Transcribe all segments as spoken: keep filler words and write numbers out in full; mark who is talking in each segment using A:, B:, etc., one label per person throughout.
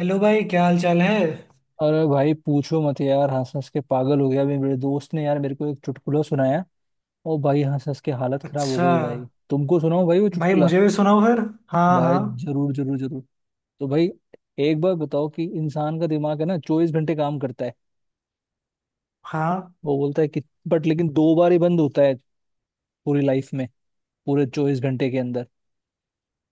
A: Hello भाई, क्या हाल चाल है।
B: अरे भाई पूछो मत यार हंस हंस के पागल हो गया। अभी मेरे दोस्त ने यार मेरे को एक चुटकुला सुनाया। और भाई हंस हंस के हालत खराब हो
A: अच्छा।
B: गई भाई। तुमको सुनाओ भाई वो
A: भाई
B: चुटकुला।
A: मुझे भी सुनाओ फिर। हाँ
B: भाई
A: हाँ
B: जरूर जरूर जरूर। तो भाई एक बार बताओ कि इंसान का दिमाग है ना चौबीस घंटे काम करता है।
A: हाँ।
B: वो बोलता है कि बट लेकिन दो बार ही बंद होता है। पूरी लाइफ में। पूरे चौबीस घंटे के अंदर।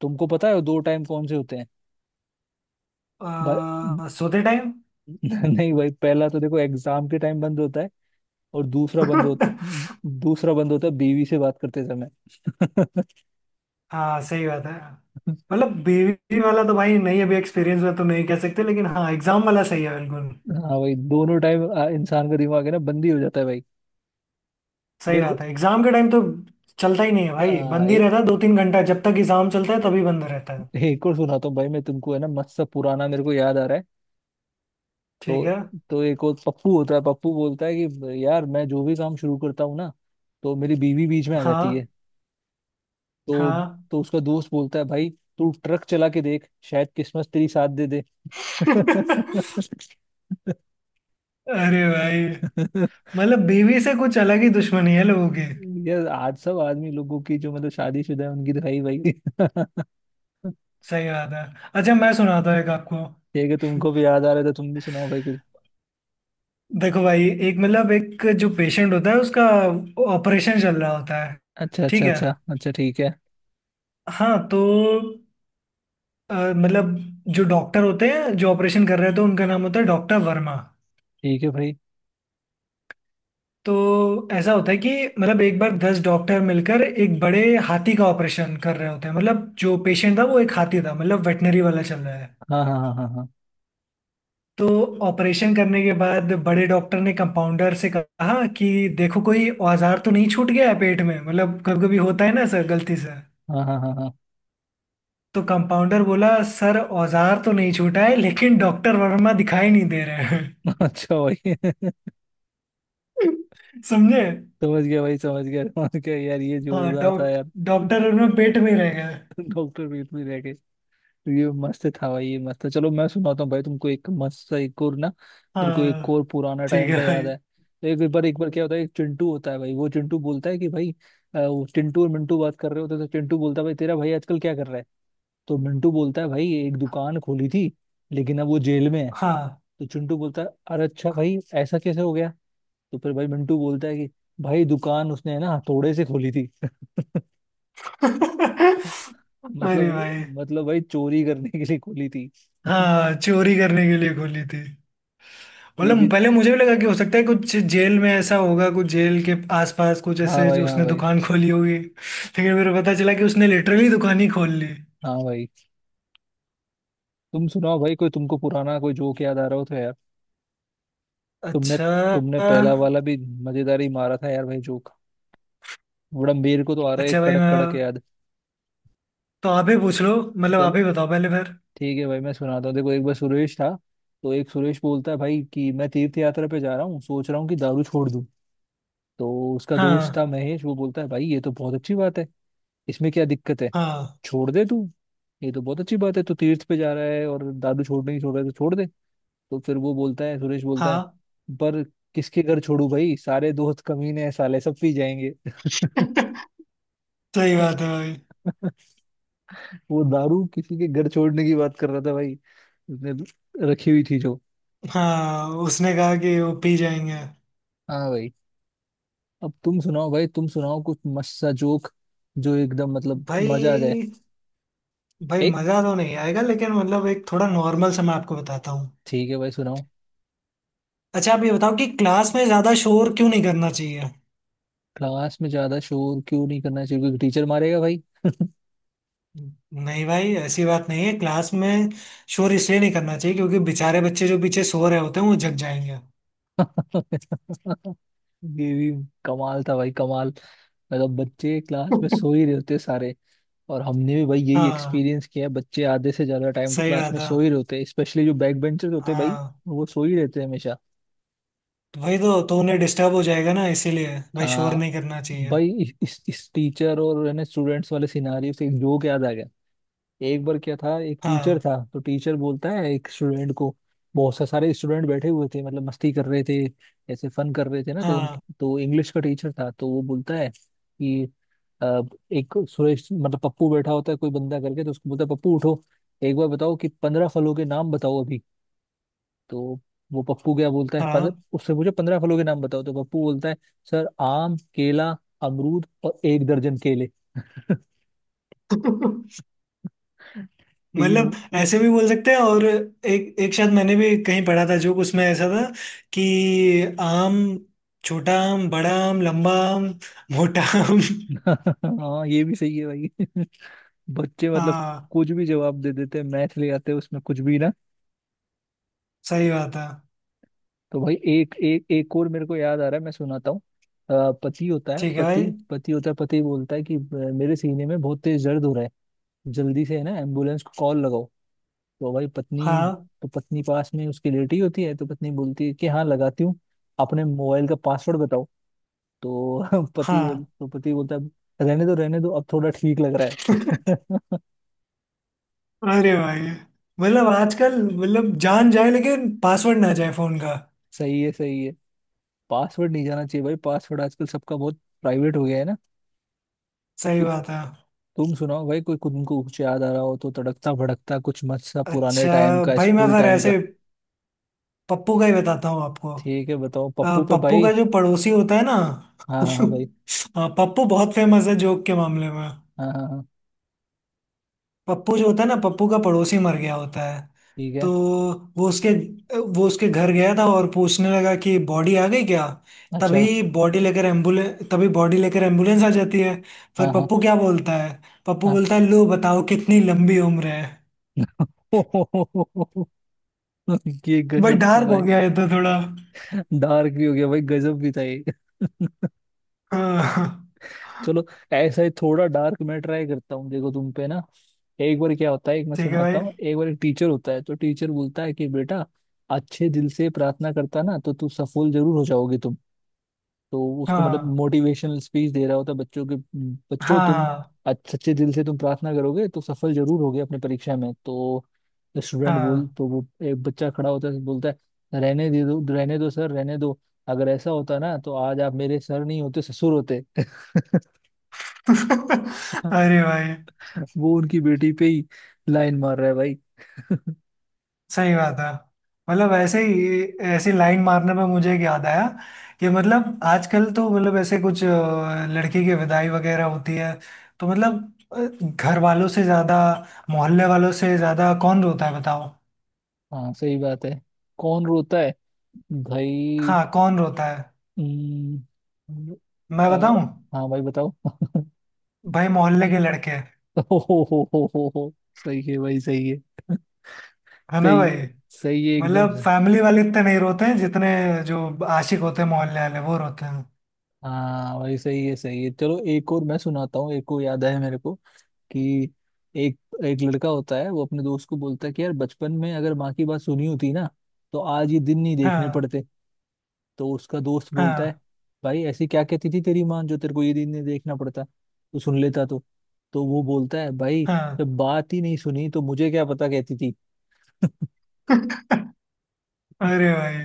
B: तुमको पता है वो दो टाइम कौन से होते हैं? भाई।
A: आ, सोते टाइम।
B: नहीं भाई पहला तो देखो एग्जाम के टाइम बंद होता है। और दूसरा बंद हो दूसरा बंद होता है बीवी से बात करते समय।
A: हाँ सही बात है। मतलब बीवी वाला तो भाई नहीं, अभी एक्सपीरियंस में तो नहीं कह सकते, लेकिन हाँ एग्जाम वाला सही है बिल्कुल।
B: हाँ भाई दोनों टाइम। इंसान का दिमाग है ना बंद ही हो जाता है भाई।
A: सही
B: मेरे को
A: बात है, एग्जाम के टाइम तो चलता ही नहीं है भाई,
B: आ,
A: बंद ही
B: ए,
A: रहता है दो तीन घंटा, जब तक एग्जाम चलता है तभी बंद रहता है।
B: एक और सुनाता हूँ भाई मैं तुमको है ना मस्त सा पुराना मेरे को याद आ रहा है।
A: ठीक
B: तो
A: है।
B: तो एक और पप्पू होता है। पप्पू बोलता है कि यार मैं जो भी काम शुरू करता हूँ ना तो मेरी बीवी बीच में आ जाती
A: हाँ
B: है। तो
A: हाँ।
B: तो उसका दोस्त बोलता है भाई तू ट्रक चला के देख शायद किस्मत तेरी साथ दे दे।
A: अरे भाई, मतलब बीवी से कुछ अलग ही दुश्मनी है लोगों की।
B: ये आज सब आदमी लोगों की जो मतलब शादीशुदा है उनकी तो है ही भाई। ठीक
A: सही बात है। अच्छा मैं सुनाता हूँ एक आपको।
B: है कि तुमको भी याद आ रहा था। तुम भी सुनाओ भाई कुछ।
A: देखो भाई, एक मतलब एक जो पेशेंट होता है उसका ऑपरेशन चल रहा होता है।
B: अच्छा
A: ठीक
B: अच्छा
A: है।
B: अच्छा अच्छा, ठीक है।
A: हाँ तो अ, मतलब जो डॉक्टर होते हैं जो ऑपरेशन कर रहे होते हैं, तो उनका नाम होता है डॉक्टर वर्मा।
B: ठीक है भाई।
A: तो ऐसा होता है कि मतलब एक बार दस डॉक्टर मिलकर एक बड़े हाथी का ऑपरेशन कर रहे होते हैं, मतलब जो पेशेंट था वो एक हाथी था, मतलब वेटनरी वाला चल रहा है।
B: हाँ हाँ हाँ हाँ।
A: तो ऑपरेशन करने के बाद बड़े डॉक्टर ने कंपाउंडर से कहा कि देखो कोई औजार तो नहीं छूट गया है पेट में, मतलब कभी कभी होता है ना सर गलती से।
B: हाँ हाँ हाँ हाँ हाँ।
A: तो कंपाउंडर बोला, सर औजार तो नहीं छूटा है लेकिन डॉक्टर वर्मा दिखाई नहीं दे रहे
B: अच्छा भाई।
A: हैं। समझे।
B: समझ गया भाई, समझ गया, समझ गया यार, ये
A: हाँ
B: जोरदार था
A: डॉक
B: यार।
A: डॉक्टर वर्मा पेट में ही रह गए।
B: डॉक्टर पीठ में रह गए। तो ये मस्त था भाई, ये मस्त था। चलो मैं सुनाता हूँ भाई तुमको एक मस्त सा एक और ना। मेरे को एक और
A: हाँ
B: पुराना
A: ठीक
B: टाइम
A: है
B: का याद
A: भाई।
B: है। एक बार एक बार क्या होता है, एक चिंटू होता है भाई। वो चिंटू बोलता है कि भाई अ, वो चिंटू और मिंटू बात कर रहे होते हैं, तो चिंटू बोलता है भाई तेरा भाई आजकल क्या कर रहा है। तो मिंटू बोलता है भाई एक दुकान खोली थी लेकिन अब वो जेल में है।
A: हाँ।
B: तो चिंटू बोलता है अरे अच्छा भाई ऐसा कैसे हो गया? तो फिर भाई मिंटू बोलता है कि भाई दुकान उसने ना हथौड़े से खोली थी।
A: अरे
B: मतलब
A: भाई।
B: मतलब भाई चोरी करने के लिए खोली थी।
A: हाँ चोरी करने के लिए खोली थी।
B: ये
A: मतलब
B: भी।
A: पहले मुझे भी लगा कि हो सकता है कुछ जेल में ऐसा होगा, कुछ जेल के आसपास कुछ
B: हाँ
A: ऐसे
B: भाई,
A: जो
B: हाँ
A: उसने
B: भाई,
A: दुकान खोली होगी, लेकिन फिर पता चला कि उसने लिटरली दुकान ही खोल ली।
B: हाँ भाई। तुम सुनाओ भाई कोई तुमको पुराना कोई जोक याद आ रहा हो तो यार। तुमने
A: अच्छा।
B: तुमने पहला वाला भी मजेदार ही मारा था यार भाई जोक। बड़ा मेरे को तो आ रहा है
A: अच्छा
B: एक
A: भाई
B: कड़क
A: मैं
B: कड़क याद।
A: तो आप ही पूछ लो, मतलब
B: चल
A: आप ही बताओ पहले फिर।
B: ठीक है भाई मैं सुनाता हूँ। देखो एक बार सुरेश था। तो एक सुरेश बोलता है भाई कि मैं तीर्थ यात्रा पे जा रहा हूँ, सोच रहा हूँ कि दारू छोड़ दूँ। तो उसका दोस्त था
A: हाँ
B: महेश, वो बोलता है भाई ये तो बहुत अच्छी बात है, इसमें क्या दिक्कत है,
A: हाँ
B: छोड़ दे तू। ये तो बहुत अच्छी बात है तू तीर्थ पे जा रहा है और दादू छोड़ने नहीं छोड़ रहा है तो छोड़ दे। तो फिर वो बोलता है, सुरेश बोलता है
A: हाँ।
B: पर किसके घर छोड़ू भाई, सारे दोस्त कमीने हैं साले सब पी जाएंगे।
A: सही बात है भाई।
B: वो दारू किसी के घर छोड़ने की बात कर रहा था भाई। उसने रखी हुई थी जो।
A: हाँ उसने कहा कि वो पी जाएंगे।
B: हाँ भाई। अब तुम सुनाओ भाई, तुम सुनाओ कुछ मस्त सा जोक जो एकदम मतलब मजा आ जाए।
A: भाई, भाई
B: एक।
A: मजा तो नहीं आएगा लेकिन मतलब एक थोड़ा नॉर्मल सा मैं आपको बताता हूँ।
B: ठीक है भाई सुनाओ।
A: अच्छा आप ये बताओ कि क्लास में ज्यादा शोर क्यों नहीं करना चाहिए।
B: क्लास में ज्यादा शोर क्यों नहीं करना चाहिए? क्योंकि टीचर मारेगा भाई।
A: नहीं भाई, ऐसी बात नहीं है। क्लास में शोर इसलिए नहीं करना चाहिए क्योंकि बेचारे बच्चे जो पीछे सो रहे होते हैं वो जग जाएंगे।
B: ये भी कमाल था भाई, कमाल। मतलब बच्चे क्लास में सो ही रहे होते सारे। और हमने भी भाई यही
A: हाँ
B: एक्सपीरियंस किया है, बच्चे आधे से ज्यादा टाइम तो
A: सही
B: क्लास
A: बात
B: में
A: है।
B: सो ही रहे होते हैं, स्पेशली जो बैक बेंचर्स होते हैं भाई।
A: हाँ
B: वो सो ही रहते हैं हमेशा।
A: तो वही तो तो उन्हें डिस्टर्ब हो जाएगा ना, इसीलिए भाई शोर
B: आ,
A: नहीं करना चाहिए।
B: भाई इस इस टीचर और है ना स्टूडेंट्स वाले सिनारियो से एक जोक याद आ गया। एक बार क्या था, एक टीचर
A: हाँ
B: था तो टीचर बोलता है एक स्टूडेंट को। बहुत सा सारे स्टूडेंट बैठे हुए थे मतलब मस्ती कर रहे थे। ऐसे फन कर रहे थे ना तो उन,
A: हाँ
B: तो इंग्लिश का टीचर था तो वो बोलता है कि अ, एक सुरेश मतलब पप्पू बैठा होता है कोई बंदा करके तो उसको बोलता है पप्पू उठो, एक बार बताओ कि पंद्रह फलों के नाम बताओ अभी। तो वो पप्पू क्या बोलता है, पंद्रह
A: हाँ।
B: उससे पूछे, पंद्रह फलों के नाम बताओ तो पप्पू बोलता है सर आम, केला, अमरूद और एक दर्जन केले। तीन।
A: मतलब ऐसे भी बोल सकते हैं, और एक एक शायद मैंने भी कहीं पढ़ा था जो उसमें ऐसा था कि आम, छोटा आम, बड़ा आम, लंबा आम, मोटा आम।
B: हाँ ये भी सही है भाई। बच्चे मतलब
A: हाँ
B: कुछ भी जवाब दे देते हैं, मैथ ले आते हैं उसमें कुछ भी ना।
A: सही बात है।
B: तो भाई एक एक एक और मेरे को याद आ रहा है, मैं सुनाता हूँ। अ, पति होता है
A: ठीक है
B: पति
A: भाई।
B: पति होता है पति बोलता है कि "अ, मेरे सीने में बहुत तेज दर्द हो रहा है, जल्दी से है ना एम्बुलेंस को कॉल लगाओ। तो भाई पत्नी,
A: हाँ
B: तो पत्नी पास में उसकी लेटी होती है तो पत्नी बोलती है कि हाँ लगाती हूँ, अपने मोबाइल का पासवर्ड बताओ। तो पति बोल
A: हाँ।
B: तो पति बोलता है रहने दो रहने दो अब थोड़ा ठीक लग रहा है।
A: अरे भाई, मतलब आजकल मतलब जान जाए लेकिन पासवर्ड ना जाए फोन का।
B: सही है सही है। पासवर्ड नहीं जाना चाहिए भाई, पासवर्ड आजकल सबका बहुत प्राइवेट हो गया है ना।
A: सही
B: तु,
A: बात है।
B: तुम सुनाओ भाई कोई तुमको कुछ याद आ रहा हो तो तड़कता भड़कता कुछ मत सा पुराने
A: अच्छा
B: टाइम का
A: भाई मैं
B: स्कूल
A: फिर
B: टाइम का।
A: ऐसे पप्पू का ही बताता हूँ आपको।
B: ठीक है बताओ
A: अ,
B: पप्पू पे
A: पप्पू
B: भाई।
A: का जो पड़ोसी होता है ना।
B: हाँ हाँ हाँ भाई।
A: अ, पप्पू बहुत फेमस है जोक के मामले में।
B: हाँ हाँ हाँ।
A: पप्पू जो होता है ना, पप्पू का पड़ोसी मर गया होता है।
B: ठीक है।
A: तो वो उसके वो उसके घर गया था और पूछने लगा कि बॉडी आ गई क्या।
B: अच्छा।
A: तभी बॉडी लेकर एम्बुलेंस तभी बॉडी लेकर एम्बुलेंस आ जाती है।
B: हाँ
A: फिर
B: हाँ
A: पप्पू क्या बोलता है। पप्पू
B: हाँ।
A: बोलता है, लो बताओ कितनी लंबी उम्र है।
B: ये
A: भाई
B: गजब था
A: डार्क हो
B: भाई।
A: गया ये तो थोड़ा।
B: डार्क भी हो गया भाई, गजब भी था ये।
A: हाँ।
B: चलो ऐसा ही थोड़ा डार्क मैं ट्राई करता हूँ, देखो तुम पे ना। एक बार क्या होता है, एक मैं
A: ठीक है
B: सुनाता
A: भाई।
B: हूँ, एक बार एक टीचर होता है तो टीचर बोलता है कि बेटा अच्छे दिल से प्रार्थना करता ना तो तू सफल जरूर हो जाओगे तुम। तो उसको मतलब
A: हाँ
B: मोटिवेशनल स्पीच दे रहा होता है बच्चों के, बच्चों तुम
A: हाँ
B: अच्छे सच्चे दिल से तुम प्रार्थना करोगे तो सफल जरूर होगे अपनी परीक्षा में तो। स्टूडेंट बोल
A: हाँ।
B: तो वो एक बच्चा खड़ा होता है, बोलता है रहने दे दो, रहने दो सर, रहने दो, अगर ऐसा होता ना तो आज आप मेरे सर नहीं होते, ससुर होते।
A: अरे भाई।
B: वो उनकी बेटी पे ही लाइन मार रहा है भाई।
A: सही बात है। मतलब ऐसे ही, ऐसी लाइन मारने में मुझे एक याद आया कि मतलब आजकल तो मतलब ऐसे कुछ अ, लड़की की विदाई वगैरह होती है, तो मतलब अ, घर वालों से ज्यादा, मोहल्ले वालों से ज्यादा कौन रोता है बताओ।
B: हाँ सही बात है, कौन रोता है भाई।
A: हाँ कौन रोता है।
B: हम्म।
A: मैं
B: आ,
A: बताऊं।
B: हाँ भाई बताओ।
A: भाई मोहल्ले के लड़के।
B: हो हो। हो हो हो हो, सही है भाई सही है।
A: है ना
B: सही।
A: भाई।
B: सही है एकदम
A: मतलब
B: से।
A: फैमिली वाले इतने नहीं रोते हैं जितने जो आशिक होते हैं मोहल्ले वाले वो रोते हैं।
B: हाँ भाई सही है सही है। चलो एक और मैं सुनाता हूँ, एक और याद है मेरे को कि एक एक लड़का होता है वो अपने दोस्त को बोलता है कि यार बचपन में अगर माँ की बात सुनी होती ना तो आज ये दिन नहीं देखने
A: हाँ
B: पड़ते। तो उसका दोस्त बोलता है
A: हाँ
B: भाई ऐसी क्या कहती थी तेरी माँ जो तेरे को ये दिन नहीं देखना पड़ता तो सुन लेता तो। तो वो बोलता है भाई
A: हाँ।
B: जब बात ही नहीं सुनी तो मुझे क्या पता कहती थी।
A: अरे भाई।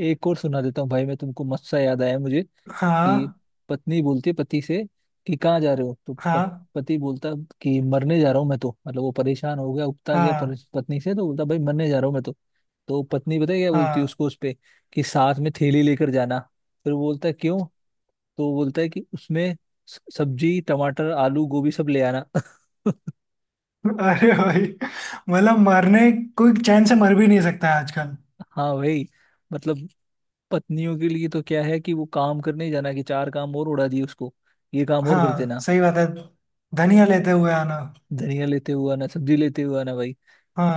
B: एक और सुना देता हूँ भाई मैं तुमको, मस्त सा याद आया मुझे कि
A: हाँ
B: पत्नी बोलती है पति से कि कहाँ जा रहे हो तो पत,
A: हाँ
B: पति बोलता कि मरने जा रहा हूँ मैं तो। मतलब वो परेशान हो गया उकता गया पर,
A: हाँ
B: पत्नी से तो बोलता भाई मरने जा रहा हूँ मैं तो। तो पत्नी पता है क्या बोलती है
A: हाँ।
B: उसको उस पे कि साथ में थैली लेकर जाना। फिर वो बोलता है क्यों? तो वो बोलता है कि उसमें स- सब्जी, टमाटर, आलू, गोभी सब ले आना।
A: अरे भाई मतलब मरने, कोई चैन से मर भी नहीं सकता है आजकल।
B: हाँ भाई मतलब पत्नियों के लिए तो क्या है कि वो काम करने ही जाना कि चार काम और उड़ा दिए उसको, ये काम और कर
A: हाँ
B: देना।
A: सही बात है, धनिया लेते हुए आना।
B: धनिया लेते हुआ ना, सब्जी लेते हुआ ना भाई।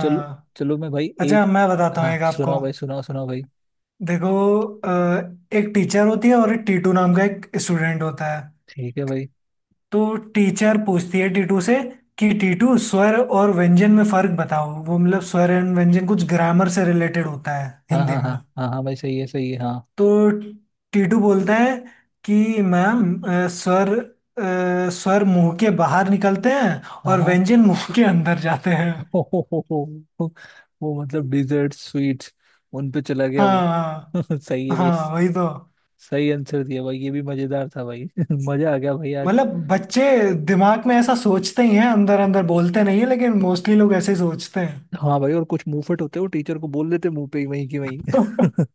B: चलो चलो मैं भाई
A: अच्छा
B: एक।
A: मैं बताता हूँ
B: हाँ
A: एक आपको।
B: सुनाओ भाई, सुनाओ सुनाओ भाई।
A: देखो, अ, एक टीचर होती है और एक टीटू नाम का एक स्टूडेंट होता है।
B: ठीक है भाई।
A: तो टीचर पूछती है टीटू से कि टीटू, स्वर और व्यंजन में फर्क बताओ। वो मतलब स्वर एंड व्यंजन कुछ ग्रामर से रिलेटेड होता है
B: हाँ
A: हिंदी
B: हाँ
A: में।
B: हाँ हाँ। हाँ भाई सही है सही है। हाँ
A: तो टीटू बोलता है कि मैम, अ, स्वर अ, स्वर मुंह के बाहर निकलते हैं
B: हाँ
A: और
B: हाँ।
A: व्यंजन मुंह के अंदर जाते हैं।
B: हो, हो, हो, हो, हो, वो मतलब डिजर्ट स्वीट्स उन पे चला गया वो।
A: हाँ
B: सही है भाई,
A: हाँ वही तो।
B: सही आंसर दिया भाई, ये भी मजेदार था भाई। मजा आ गया भाई आज।
A: मतलब बच्चे दिमाग में ऐसा सोचते ही हैं, अंदर अंदर बोलते नहीं है, लेकिन मोस्टली लोग ऐसे ही सोचते हैं।
B: हाँ भाई और कुछ मुंहफट होते हो टीचर को बोल देते मुंह पे ही वहीं की वहीं।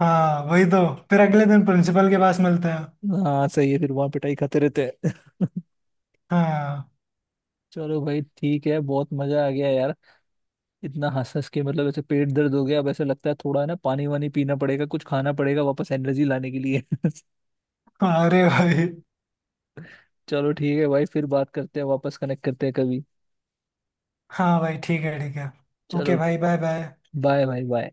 A: हाँ वही तो, फिर अगले दिन प्रिंसिपल के पास मिलते हैं।
B: हाँ सही है, फिर वहां पिटाई खाते रहते हैं।
A: हाँ।
B: चलो भाई ठीक है बहुत मजा आ गया यार। इतना हंस हंस के मतलब ऐसे पेट दर्द हो गया, अब ऐसे लगता है थोड़ा ना पानी वानी पीना पड़ेगा, कुछ खाना पड़ेगा वापस एनर्जी लाने के लिए।
A: हाँ, अरे भाई।
B: चलो ठीक है भाई, फिर बात करते हैं, वापस कनेक्ट करते हैं कभी।
A: हाँ भाई ठीक है ठीक है। ओके
B: चलो।
A: भाई, बाय बाय।
B: बाय भाई बाय।